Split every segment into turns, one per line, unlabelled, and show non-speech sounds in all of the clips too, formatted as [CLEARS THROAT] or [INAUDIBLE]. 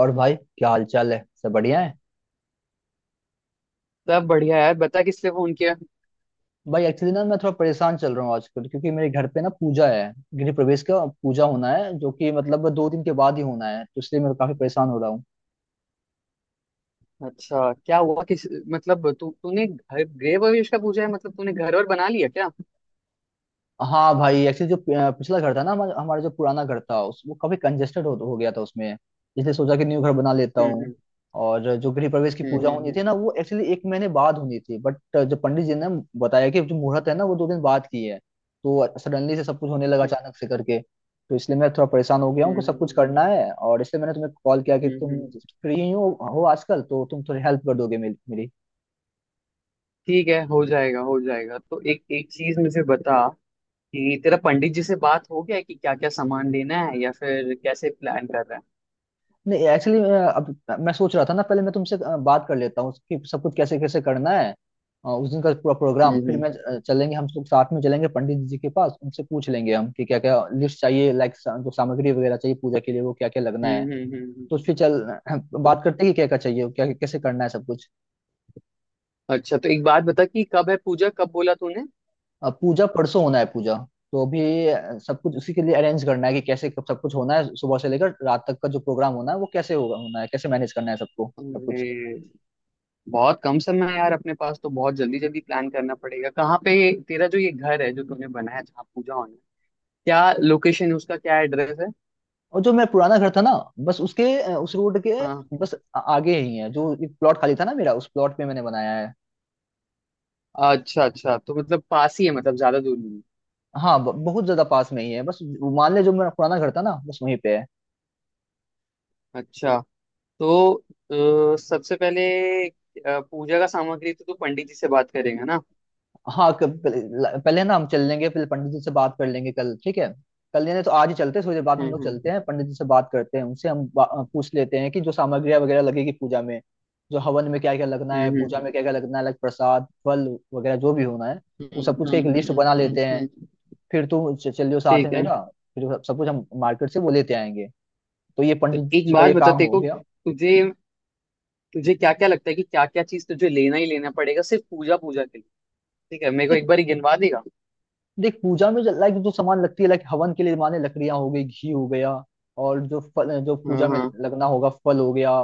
और भाई क्या हाल चाल है। सब बढ़िया है।
सब बढ़िया यार। बता किससे फोन किया।
भाई एक्चुअली ना मैं थोड़ा परेशान चल रहा हूँ आजकल, क्योंकि मेरे घर पे ना पूजा है, गृह प्रवेश का पूजा होना है, जो कि मतलब 2 दिन के बाद ही होना है, तो इसलिए मैं काफी परेशान हो रहा हूँ।
अच्छा, क्या हुआ? किस मतलब तू तूने घर गृह प्रवेश का पूछा है? मतलब तूने घर वर बना लिया क्या?
हाँ भाई एक्चुअली जो पिछला घर था ना हमारा हमारा जो पुराना घर था, उस वो काफी कंजेस्टेड हो गया था उसमें। इसलिए सोचा कि न्यू घर बना लेता हूँ।
हम्म।
और जो गृह प्रवेश की
हम्म।
पूजा होनी
हम्म।
थी ना वो एक्चुअली 1 महीने बाद होनी थी, बट जो पंडित जी ने बताया कि जो मुहूर्त है ना वो 2 दिन बाद की है। तो सडनली से सब कुछ होने लगा
हम्म।
अचानक से करके, तो इसलिए मैं थोड़ा परेशान हो गया हूँ
हम्म।
कि सब कुछ
हम्म।
करना है, और इसलिए मैंने तुम्हें कॉल किया कि
हम्म। हम्म।
तुम
हम्म।
फ्री हो आजकल तो तुम थोड़ी हेल्प कर दोगे मेरी।
ठीक है। हो जाएगा, हो जाएगा। तो एक एक चीज मुझे बता कि तेरा पंडित जी से बात हो गया है कि क्या क्या सामान लेना है या फिर कैसे प्लान कर रहा है।
नहीं एक्चुअली अब मैं सोच रहा था ना पहले मैं तुमसे बात कर लेता हूँ कि सब कुछ कैसे कैसे करना है। उस दिन का पूरा प्रोग्राम,
हम्म।
फिर मैं
हम्म।
चलेंगे, हम लोग साथ में चलेंगे पंडित जी के पास, उनसे पूछ लेंगे हम कि क्या क्या लिस्ट चाहिए, लाइक जो सामग्री वगैरह चाहिए पूजा के लिए वो क्या क्या लगना है।
हम्म। हम्म। हम्म।
तो
हम्म।
फिर चल [CLEARS THROAT] बात करते हैं कि क्या क्या चाहिए, क्या कैसे करना है सब कुछ।
अच्छा, तो एक बात बता, कि कब है पूजा? कब बोला तूने?
पूजा परसों होना है पूजा। तो अभी सब कुछ उसी के लिए अरेंज करना है कि कैसे कब सब कुछ होना है, सुबह से लेकर रात तक का जो प्रोग्राम होना है वो कैसे होगा होना है, कैसे मैनेज करना है सबको सब कुछ।
अरे, बहुत कम समय है यार अपने पास। तो बहुत जल्दी जल्दी प्लान करना पड़ेगा। कहाँ पे तेरा जो ये घर है, जो तूने बनाया, जहाँ पूजा होना है, क्या लोकेशन है उसका? क्या एड्रेस है?
और जो मेरा पुराना घर था ना बस उसके उस रोड के
हाँ।
बस आगे ही है, जो एक प्लॉट खाली था ना मेरा उस प्लॉट पे मैंने बनाया है।
अच्छा अच्छा, तो मतलब पास ही है, मतलब ज्यादा दूर नहीं है।
हाँ बहुत ज्यादा पास में ही है, बस वो मान ले जो मेरा पुराना घर था ना बस वहीं पे है।
अच्छा, तो सबसे पहले पूजा का सामग्री तो तू पंडित जी से बात करेगा ना?
हाँ पहले पहले ना हम चल लेंगे, फिर पंडित जी से बात कर लेंगे कल, ठीक है। कल यानी तो आज ही चलते हैं, थोड़ी देर बाद हम
हम्म
लोग चलते
हम्म
हैं पंडित जी से, बात करते हैं उनसे, हम पूछ लेते हैं कि जो सामग्रियाँ वगैरह लगेगी पूजा में, जो हवन में क्या क्या लगना
हम्म।
है, पूजा
हम्म।
में क्या क्या लगना है, अलग प्रसाद फल वगैरह जो भी होना है वो
हम्म।
सब कुछ का एक
हम्म।
लिस्ट
हम्म।
बना
हम्म।
लेते हैं।
हम्म।
फिर तुम चलियो साथ में
ठीक है।
मेरा, फिर सब सब कुछ हम मार्केट से वो लेते आएंगे। तो ये
तो
पंडित
एक
जी का
बात
ये
बता
काम
तेरे
हो
को,
गया।
तुझे तुझे क्या क्या लगता है कि क्या क्या चीज तुझे लेना ही लेना पड़ेगा सिर्फ पूजा पूजा के लिए? ठीक है, मेरे को
एक
एक बार ही गिनवा देगा।
देख, पूजा में लाइक जो सामान लगती है, लाइक हवन के लिए माने लकड़ियां हो गई, घी हो गया, और जो फल जो
हाँ,
पूजा में
हाँ,
लगना होगा फल हो गया।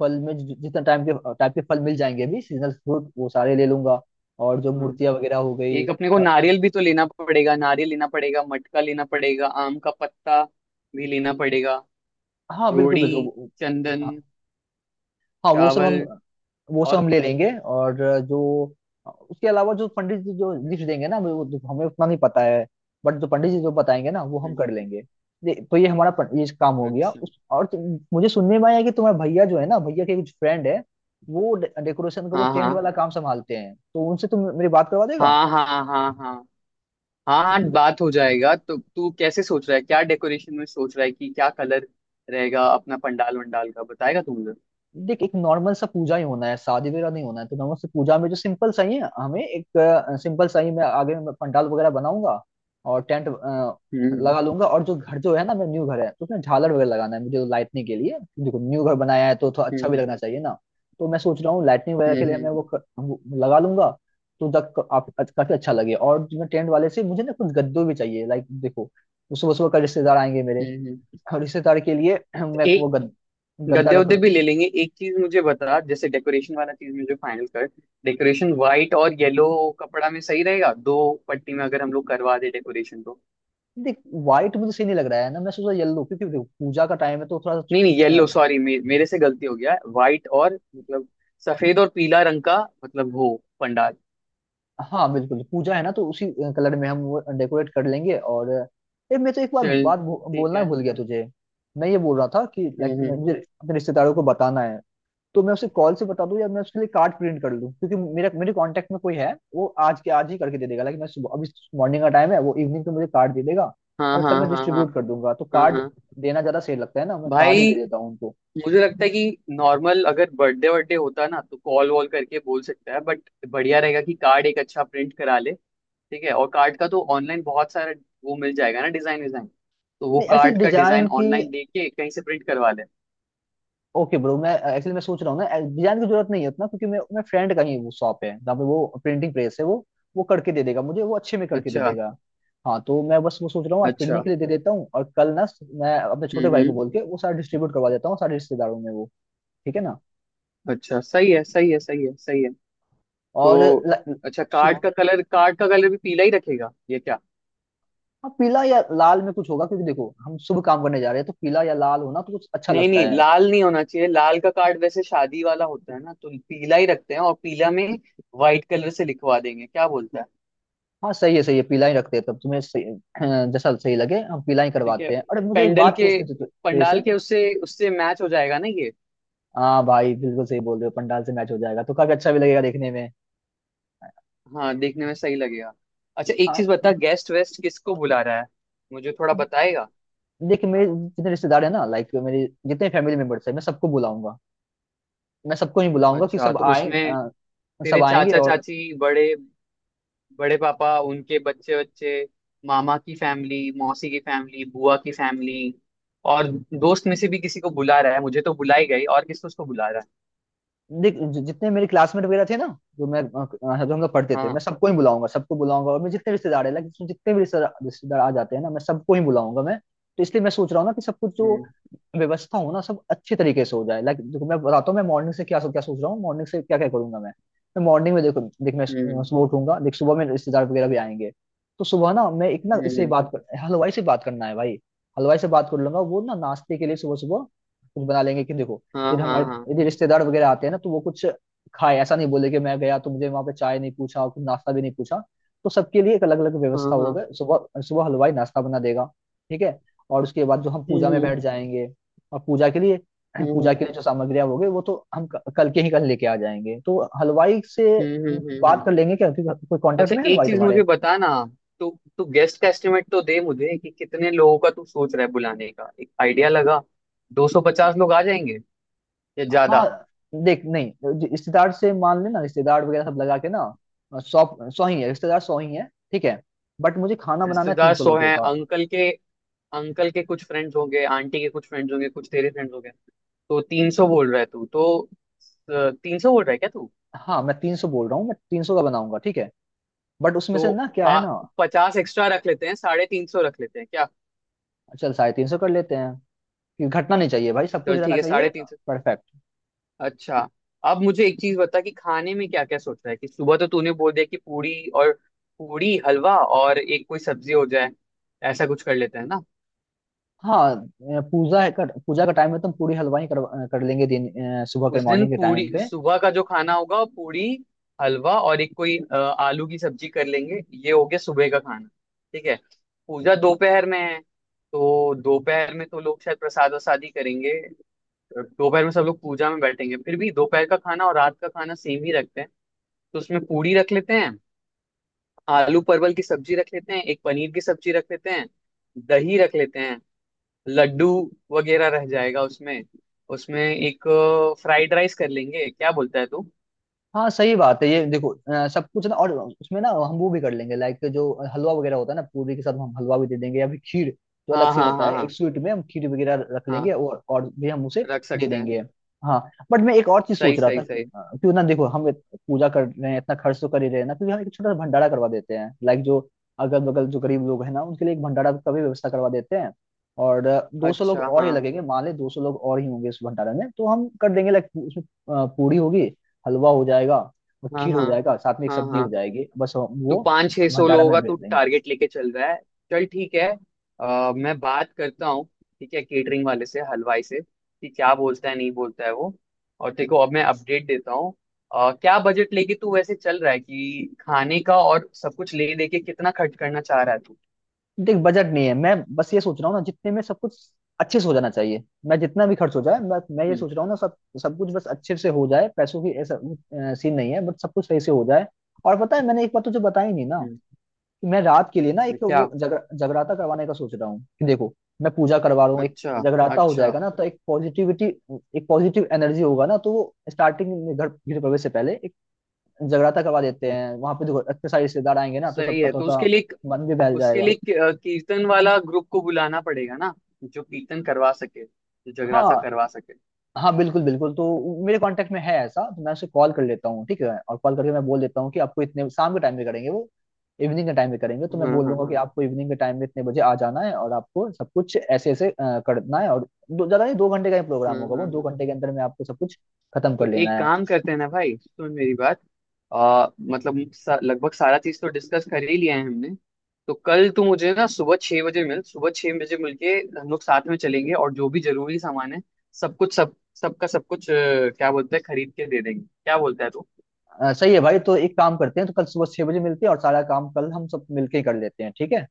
फल में जितना टाइम के टाइप के फल मिल जाएंगे अभी, सीजनल फ्रूट वो सारे ले लूंगा। और जो
हाँ।
मूर्तियां वगैरह हो गई,
एक अपने को
और
नारियल भी तो लेना पड़ेगा, नारियल लेना पड़ेगा, मटका लेना पड़ेगा, आम का पत्ता भी लेना पड़ेगा,
हाँ बिल्कुल
रोड़ी,
बिल्कुल
चंदन,
हाँ। हाँ, वो सब हम,
चावल
वो सब
और
हम ले लेंगे। और जो उसके अलावा जो पंडित जी जो लिस्ट देंगे ना हमें, वो तो हमें उतना नहीं पता है, बट जो पंडित जी जो बताएंगे ना वो हम
हम्म।
कर लेंगे। तो ये हमारा ये काम हो गया
अच्छा।
उस। और मुझे सुनने में आया कि तुम्हारे भैया जो है ना, भैया के कुछ फ्रेंड है वो डेकोरेशन का वो
हाँ,
टेंट
हाँ,
वाला काम संभालते हैं, तो उनसे तुम मेरी बात करवा देगा।
हाँ, हाँ, हाँ, हाँ, हाँ, हाँ बात हो जाएगा। तो तू कैसे सोच रहा है, क्या डेकोरेशन में सोच रहा है कि क्या कलर रहेगा अपना, पंडाल वंडाल का बताएगा तू मुझे?
देख एक नॉर्मल सा पूजा ही होना है, शादी वगैरह नहीं होना है, तो नॉर्मल से पूजा में जो सिंपल सा ही है हमें एक सिंपल सा ही, मैं आगे मैं पंडाल वगैरह बनाऊंगा और टेंट
हम्म
लगा लूंगा। और जो घर जो है ना मेरा न्यू घर है तो उसमें झालर वगैरह लगाना है मुझे, तो लाइटनिंग के लिए देखो न्यू घर बनाया है तो थोड़ा अच्छा भी
हम्म।
लगना चाहिए ना। तो मैं सोच रहा हूँ लाइटनिंग वगैरह
हम्म।
के लिए मैं
हम्म।
वो लगा लूंगा, तो तक आप काफी अच्छा लगे। और जो टेंट वाले से मुझे ना कुछ गद्दे भी चाहिए, लाइक देखो सुबह सुबह का रिश्तेदार आएंगे मेरे,
हम्म।
और रिश्तेदार के लिए मैं
हम्म।
गद्दा
गद्दे
रख।
उद्दे भी ले लेंगे। एक चीज मुझे बता, जैसे डेकोरेशन वाला चीज में जो फाइनल कर, डेकोरेशन व्हाइट और येलो कपड़ा में सही रहेगा? दो पट्टी में अगर हम लोग करवा दे डेकोरेशन तो?
देख व्हाइट मुझे सही नहीं लग रहा है ना, मैं सोचा येलो, क्योंकि देखो पूजा का टाइम है तो
नहीं नहीं, येलो, सॉरी, मेरे से गलती हो गया। व्हाइट और मतलब सफेद और पीला रंग का मतलब हो पंडाल।
हाँ बिल्कुल पूजा है ना तो उसी कलर में हम वो डेकोरेट कर लेंगे। और मैं तो एक बार
चल, ठीक
बोलना
है।
भूल गया तुझे। मैं ये बोल रहा था कि
हम्म।
लाइक
हम्म।
मुझे अपने रिश्तेदारों को बताना है, तो मैं उसे कॉल से बता दूं, या मैं उसके लिए कार्ड प्रिंट कर लूं, क्योंकि मेरा मेरे कांटेक्ट में कोई है वो आज के आज ही करके दे देगा। लाइक मैं सुबह अभी मॉर्निंग का टाइम है, वो इवनिंग को मुझे कार्ड दे देगा
हाँ,
और
हाँ,
कल मैं
हाँ, हाँ,
डिस्ट्रीब्यूट कर दूंगा। तो
हाँ,
कार्ड
हाँ
देना ज्यादा सही लगता है ना, मैं कार्ड ही
भाई,
दे देता हूँ उनको।
मुझे लगता है कि नॉर्मल अगर बर्थडे बर्थडे होता ना तो कॉल वॉल करके बोल सकता है, बट बढ़िया रहेगा कि कार्ड एक अच्छा प्रिंट करा ले। ठीक है, और कार्ड का तो ऑनलाइन बहुत सारा वो मिल जाएगा ना, डिजाइन विजाइन। तो वो
नहीं एक्चुअली
कार्ड का
डिजाइन
डिजाइन
की,
ऑनलाइन लेके कहीं से प्रिंट करवा ले।
ओके ब्रो, मैं एक्चुअली मैं सोच रहा हूँ ना डिजाइन की जरूरत नहीं है उतना, क्योंकि मैं फ्रेंड का ही वो शॉप है जहाँ पे वो प्रिंटिंग प्रेस है, वो करके दे देगा मुझे वो अच्छे में करके दे
अच्छा।
देगा। हाँ तो मैं बस वो सोच रहा हूँ आज
अच्छा।
प्रिंटिंग के लिए दे देता हूँ, और कल ना मैं अपने
हम्म।
छोटे भाई
हम्म।
को बोल के वो सारा डिस्ट्रीब्यूट करवा देता हूँ सारे रिश्तेदारों में वो, ठीक है ना।
अच्छा, सही है, सही है, सही है, सही है।
और
तो अच्छा,
सुबह
कार्ड का कलर, कार्ड का कलर भी पीला ही रखेगा ये क्या?
हाँ, पीला या लाल में कुछ होगा, क्योंकि देखो हम शुभ काम करने जा रहे हैं तो पीला या लाल होना तो कुछ अच्छा
नहीं
लगता
नहीं,
है।
लाल नहीं होना चाहिए। लाल का कार्ड वैसे शादी वाला होता है ना, तो पीला ही रखते हैं। और पीला में व्हाइट कलर से लिखवा देंगे, क्या बोलता है?
हाँ सही है सही है, पीला ही रखते हैं, तब तुम्हें [CLEARS THROAT] जैसा सही लगे हम पीला ही
ठीक है।
करवाते हैं। अरे मुझे एक
पेंडल
बात
के
पूछनी थी तेरे से।
पंडाल के, उससे उससे मैच हो जाएगा ना ये।
हाँ भाई बिल्कुल सही बोल रहे हो, पंडाल से मैच हो जाएगा तो काफी अच्छा भी लगेगा देखने में।
हाँ, देखने में सही लगेगा। अच्छा, एक
हाँ
चीज बता, गेस्ट वेस्ट किसको बुला रहा है, मुझे थोड़ा बताएगा?
देख, मेरे जितने रिश्तेदार है ना लाइक मेरे जितने फैमिली मेंबर्स है मैं सबको बुलाऊंगा, मैं सबको नहीं बुलाऊंगा कि
अच्छा,
सब
तो उसमें तेरे
सब आएंगे।
चाचा
और
चाची, बड़े बड़े पापा, उनके बच्चे बच्चे, मामा की फैमिली, मौसी की फैमिली, बुआ की फैमिली, और दोस्त में से भी किसी को बुला रहा है? मुझे तो बुला ही गई, और किसको उसको बुला रहा है?
देख जितने मेरे क्लासमेट वगैरह थे ना, जो जो हम लोग पढ़ते थे
हाँ।
मैं सबको ही बुलाऊंगा, सबको बुलाऊंगा। और मेरे जितने रिश्तेदार है लाइक जितने भी रिश्तेदार रिश्तेदार आ जाते हैं ना मैं सबको ही बुलाऊंगा मैं। तो इसलिए मैं सोच रहा हूँ ना कि सब कुछ जो
हम्म।
व्यवस्था हो ना सब अच्छे तरीके से हो जाए। लाइक देखो मैं बताता हूँ, मैं मॉर्निंग से क्या क्या सोच रहा हूँ, मॉर्निंग से क्या क्या करूंगा मैं। मैं मॉर्निंग में देखो देख मैं
हम्म।
सुबह उठूंगा, देख सुबह में रिश्तेदार वगैरह भी आएंगे, तो सुबह ना मैं एक ना
हम्म।
इससे
हम्म।
बात कर हलवाई से बात करना है भाई। हलवाई से बात कर लूंगा वो ना नाश्ते के लिए सुबह सुबह कुछ बना लेंगे कि देखो
हाँ,
यदि हमारे,
हाँ, हाँ,
यदि रिश्तेदार वगैरह आते हैं ना तो वो कुछ खाए, ऐसा नहीं बोले कि मैं गया तो मुझे वहां पे चाय नहीं पूछा और कुछ नाश्ता भी नहीं पूछा। तो सबके लिए एक अलग अलग
हाँ,
व्यवस्था
हाँ।
होगा, सुबह सुबह हलवाई नाश्ता बना देगा, ठीक है। और उसके बाद जो हम
हम्म।
पूजा में
हम्म।
बैठ जाएंगे, और पूजा के लिए [CLEARS THROAT] पूजा
हम्म।
के लिए जो सामग्रियां होगी वो तो हम कल के ही कल लेके आ जाएंगे। तो हलवाई से
हम्म। हम्म। हम्म।
बात
हम्म।
कर लेंगे क्या, क्योंकि कोई कांटेक्ट
अच्छा,
में है
एक
हलवाई
चीज
तुम्हारे।
मुझे बता ना, तू तू गेस्ट का एस्टिमेट तो दे मुझे कि कितने लोगों का तू सोच रहा है बुलाने का, एक आइडिया लगा। 250 लोग आ जाएंगे या
हाँ
ज्यादा?
देख नहीं, जो रिश्तेदार से मान लेना रिश्तेदार वगैरह सब लगा के ना सौ सौ ही है रिश्तेदार, सौ ही है, ठीक है। बट मुझे खाना बनाना है तीन
रिश्तेदार
सौ
सो
लोगों
हैं
का।
अंकल के, अंकल के कुछ फ्रेंड्स होंगे, आंटी के कुछ फ्रेंड्स होंगे, कुछ तेरे फ्रेंड्स होंगे। तो 300 बोल रहा है तू? तो 300 बोल रहा है क्या तू?
हाँ मैं 300 बोल रहा हूँ, मैं तीन सौ का बनाऊंगा, ठीक है। बट उसमें से
तो
ना क्या है
आ,
ना,
50 एक्स्ट्रा रख लेते हैं, 350 रख लेते हैं क्या?
चल 350 कर लेते हैं, कि घटना नहीं चाहिए भाई सब कुछ
चल, ठीक
रहना
है, साढ़े
चाहिए।
तीन।
परफेक्ट।
अच्छा, अब मुझे एक चीज बता, कि खाने में क्या क्या सोचा है? कि सुबह तो तूने बोल दिया कि पूरी और पूरी हलवा और एक कोई सब्जी हो जाए, ऐसा कुछ कर लेते हैं ना?
हाँ पूजा है पूजा का टाइम है तो हम पूरी हलवाई कर लेंगे दिन, सुबह के
उस दिन
मॉर्निंग के
पूरी
टाइम पे।
सुबह का जो खाना होगा वो पूरी हलवा और एक कोई आलू की सब्जी कर लेंगे। ये हो गया सुबह का खाना। ठीक है। पूजा दोपहर में है, तो दोपहर में तो लोग शायद प्रसाद वसाद ही करेंगे। दोपहर में सब लोग पूजा में बैठेंगे। फिर भी दोपहर का खाना और रात का खाना सेम ही रखते हैं। तो उसमें पूरी रख लेते हैं, आलू परवल की सब्जी रख लेते हैं, एक पनीर की सब्जी रख लेते हैं, दही रख लेते हैं, लड्डू वगैरह रह जाएगा उसमें। उसमें एक फ्राइड राइस कर लेंगे, क्या बोलता है तू?
हाँ सही बात है ये, देखो सब कुछ ना और उसमें ना हम वो भी कर लेंगे, लाइक जो हलवा वगैरह होता है ना पूरी के साथ, हम हलवा भी दे देंगे या फिर खीर जो अलग
हाँ,
से
हाँ,
होता
हाँ,
है,
हाँ,
एक स्वीट में हम खीर वगैरह रख लेंगे
हाँ
और भी हम उसे
रख
दे
सकते हैं।
देंगे। हाँ बट मैं एक और चीज
सही,
सोच रहा
सही,
था कि
सही।
क्यों ना देखो हम पूजा कर रहे हैं, इतना खर्च तो कर ही रहे हैं ना, क्योंकि हम एक छोटा सा भंडारा करवा देते हैं, लाइक जो अगल बगल जो गरीब लोग हैं ना उनके लिए एक भंडारा का भी व्यवस्था करवा देते हैं। और दो सौ लोग
अच्छा,
और ही
हाँ,
लगेंगे, मान ले 200 लोग और ही होंगे उस भंडारा में, तो हम कर देंगे लाइक उसमें पूरी होगी, हलवा हो जाएगा और
हाँ,
खीर हो
हाँ,
जाएगा, साथ में एक
हाँ,
सब्जी हो
हाँ।
जाएगी, बस हम
तो
वो
पाँच छह सोलो
भंडारा में
होगा तो
भेज देंगे।
टारगेट लेके चल रहा है? चल, ठीक है। मैं बात करता हूँ, ठीक है, केटरिंग वाले से, हलवाई से, कि क्या बोलता है नहीं बोलता है वो। और देखो, अब मैं अपडेट देता हूँ। क्या बजट लेके तू वैसे चल रहा है कि खाने का और सब कुछ ले लेके कितना खर्च करना चाह रहा है तू?
देख बजट नहीं है, मैं बस ये सोच रहा हूँ ना जितने में सब कुछ अच्छे से हो जाना चाहिए, मैं जितना भी खर्च हो जाए, मैं ये
हम्म।
सोच रहा हूँ ना सब, सब कुछ बस अच्छे से हो जाए। पैसों की ऐसा सीन नहीं है, बट सब कुछ सही से हो जाए। और पता है मैंने एक बात तुझे बताई नहीं ना,
हम्म।
कि मैं रात के लिए ना एक
क्या?
वो जगराता करवाने का सोच रहा हूँ, कि देखो मैं पूजा करवा रहा हूँ, एक
अच्छा।
जगराता हो
अच्छा।
जाएगा ना तो एक पॉजिटिविटी, एक पॉजिटिव एनर्जी होगा ना। तो वो स्टार्टिंग में घर गृह प्रवेश से पहले जगराता करवा देते हैं वहां पे, देखो इतने सारे रिश्तेदार आएंगे ना तो
सही
सबका
है,
थोड़ा
तो उसके
सा
लिए,
मन भी बहल जाएगा।
कीर्तन वाला ग्रुप को बुलाना पड़ेगा ना, जो कीर्तन करवा सके, जो जगराता
हाँ
करवा सके।
हाँ बिल्कुल बिल्कुल, तो मेरे कांटेक्ट में है ऐसा, तो मैं उसे कॉल कर लेता हूँ ठीक है, और कॉल करके मैं बोल देता हूँ कि आपको इतने शाम के टाइम में करेंगे वो, इवनिंग के टाइम में करेंगे, तो मैं
हाँ,
बोल
हाँ,
दूंगा कि
हाँ।
आपको इवनिंग के टाइम में इतने बजे आ जाना है और आपको सब कुछ ऐसे ऐसे करना है, और दो ज्यादा नहीं, 2 घंटे का ही प्रोग्राम
हम्म।
होगा
हम्म।
वो, दो
हम्म।
घंटे के अंदर में आपको सब कुछ खत्म
तो
कर लेना
एक
है।
काम करते हैं ना भाई, सुन मेरी बात। मतलब लगभग सारा चीज तो डिस्कस कर ही लिया है हमने। तो कल तू मुझे ना सुबह 6 बजे मिलके हम लोग साथ में चलेंगे, और जो भी जरूरी सामान है, सब कुछ सब सबका सब कुछ क्या बोलते हैं, खरीद के दे देंगे, क्या बोलता है तू?
सही है भाई, तो एक काम करते हैं, तो कल सुबह 6 बजे मिलते हैं और सारा काम कल हम सब मिलके ही कर लेते हैं, ठीक है।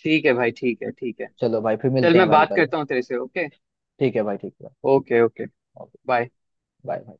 ठीक है भाई, ठीक है, ठीक है।
चलो भाई फिर मिलते
चल,
हैं
मैं
भाई
बात
कल,
करता हूँ तेरे से। ओके,
ठीक है भाई ठीक है।
Okay, okay.
Okay,
bye.
Bye.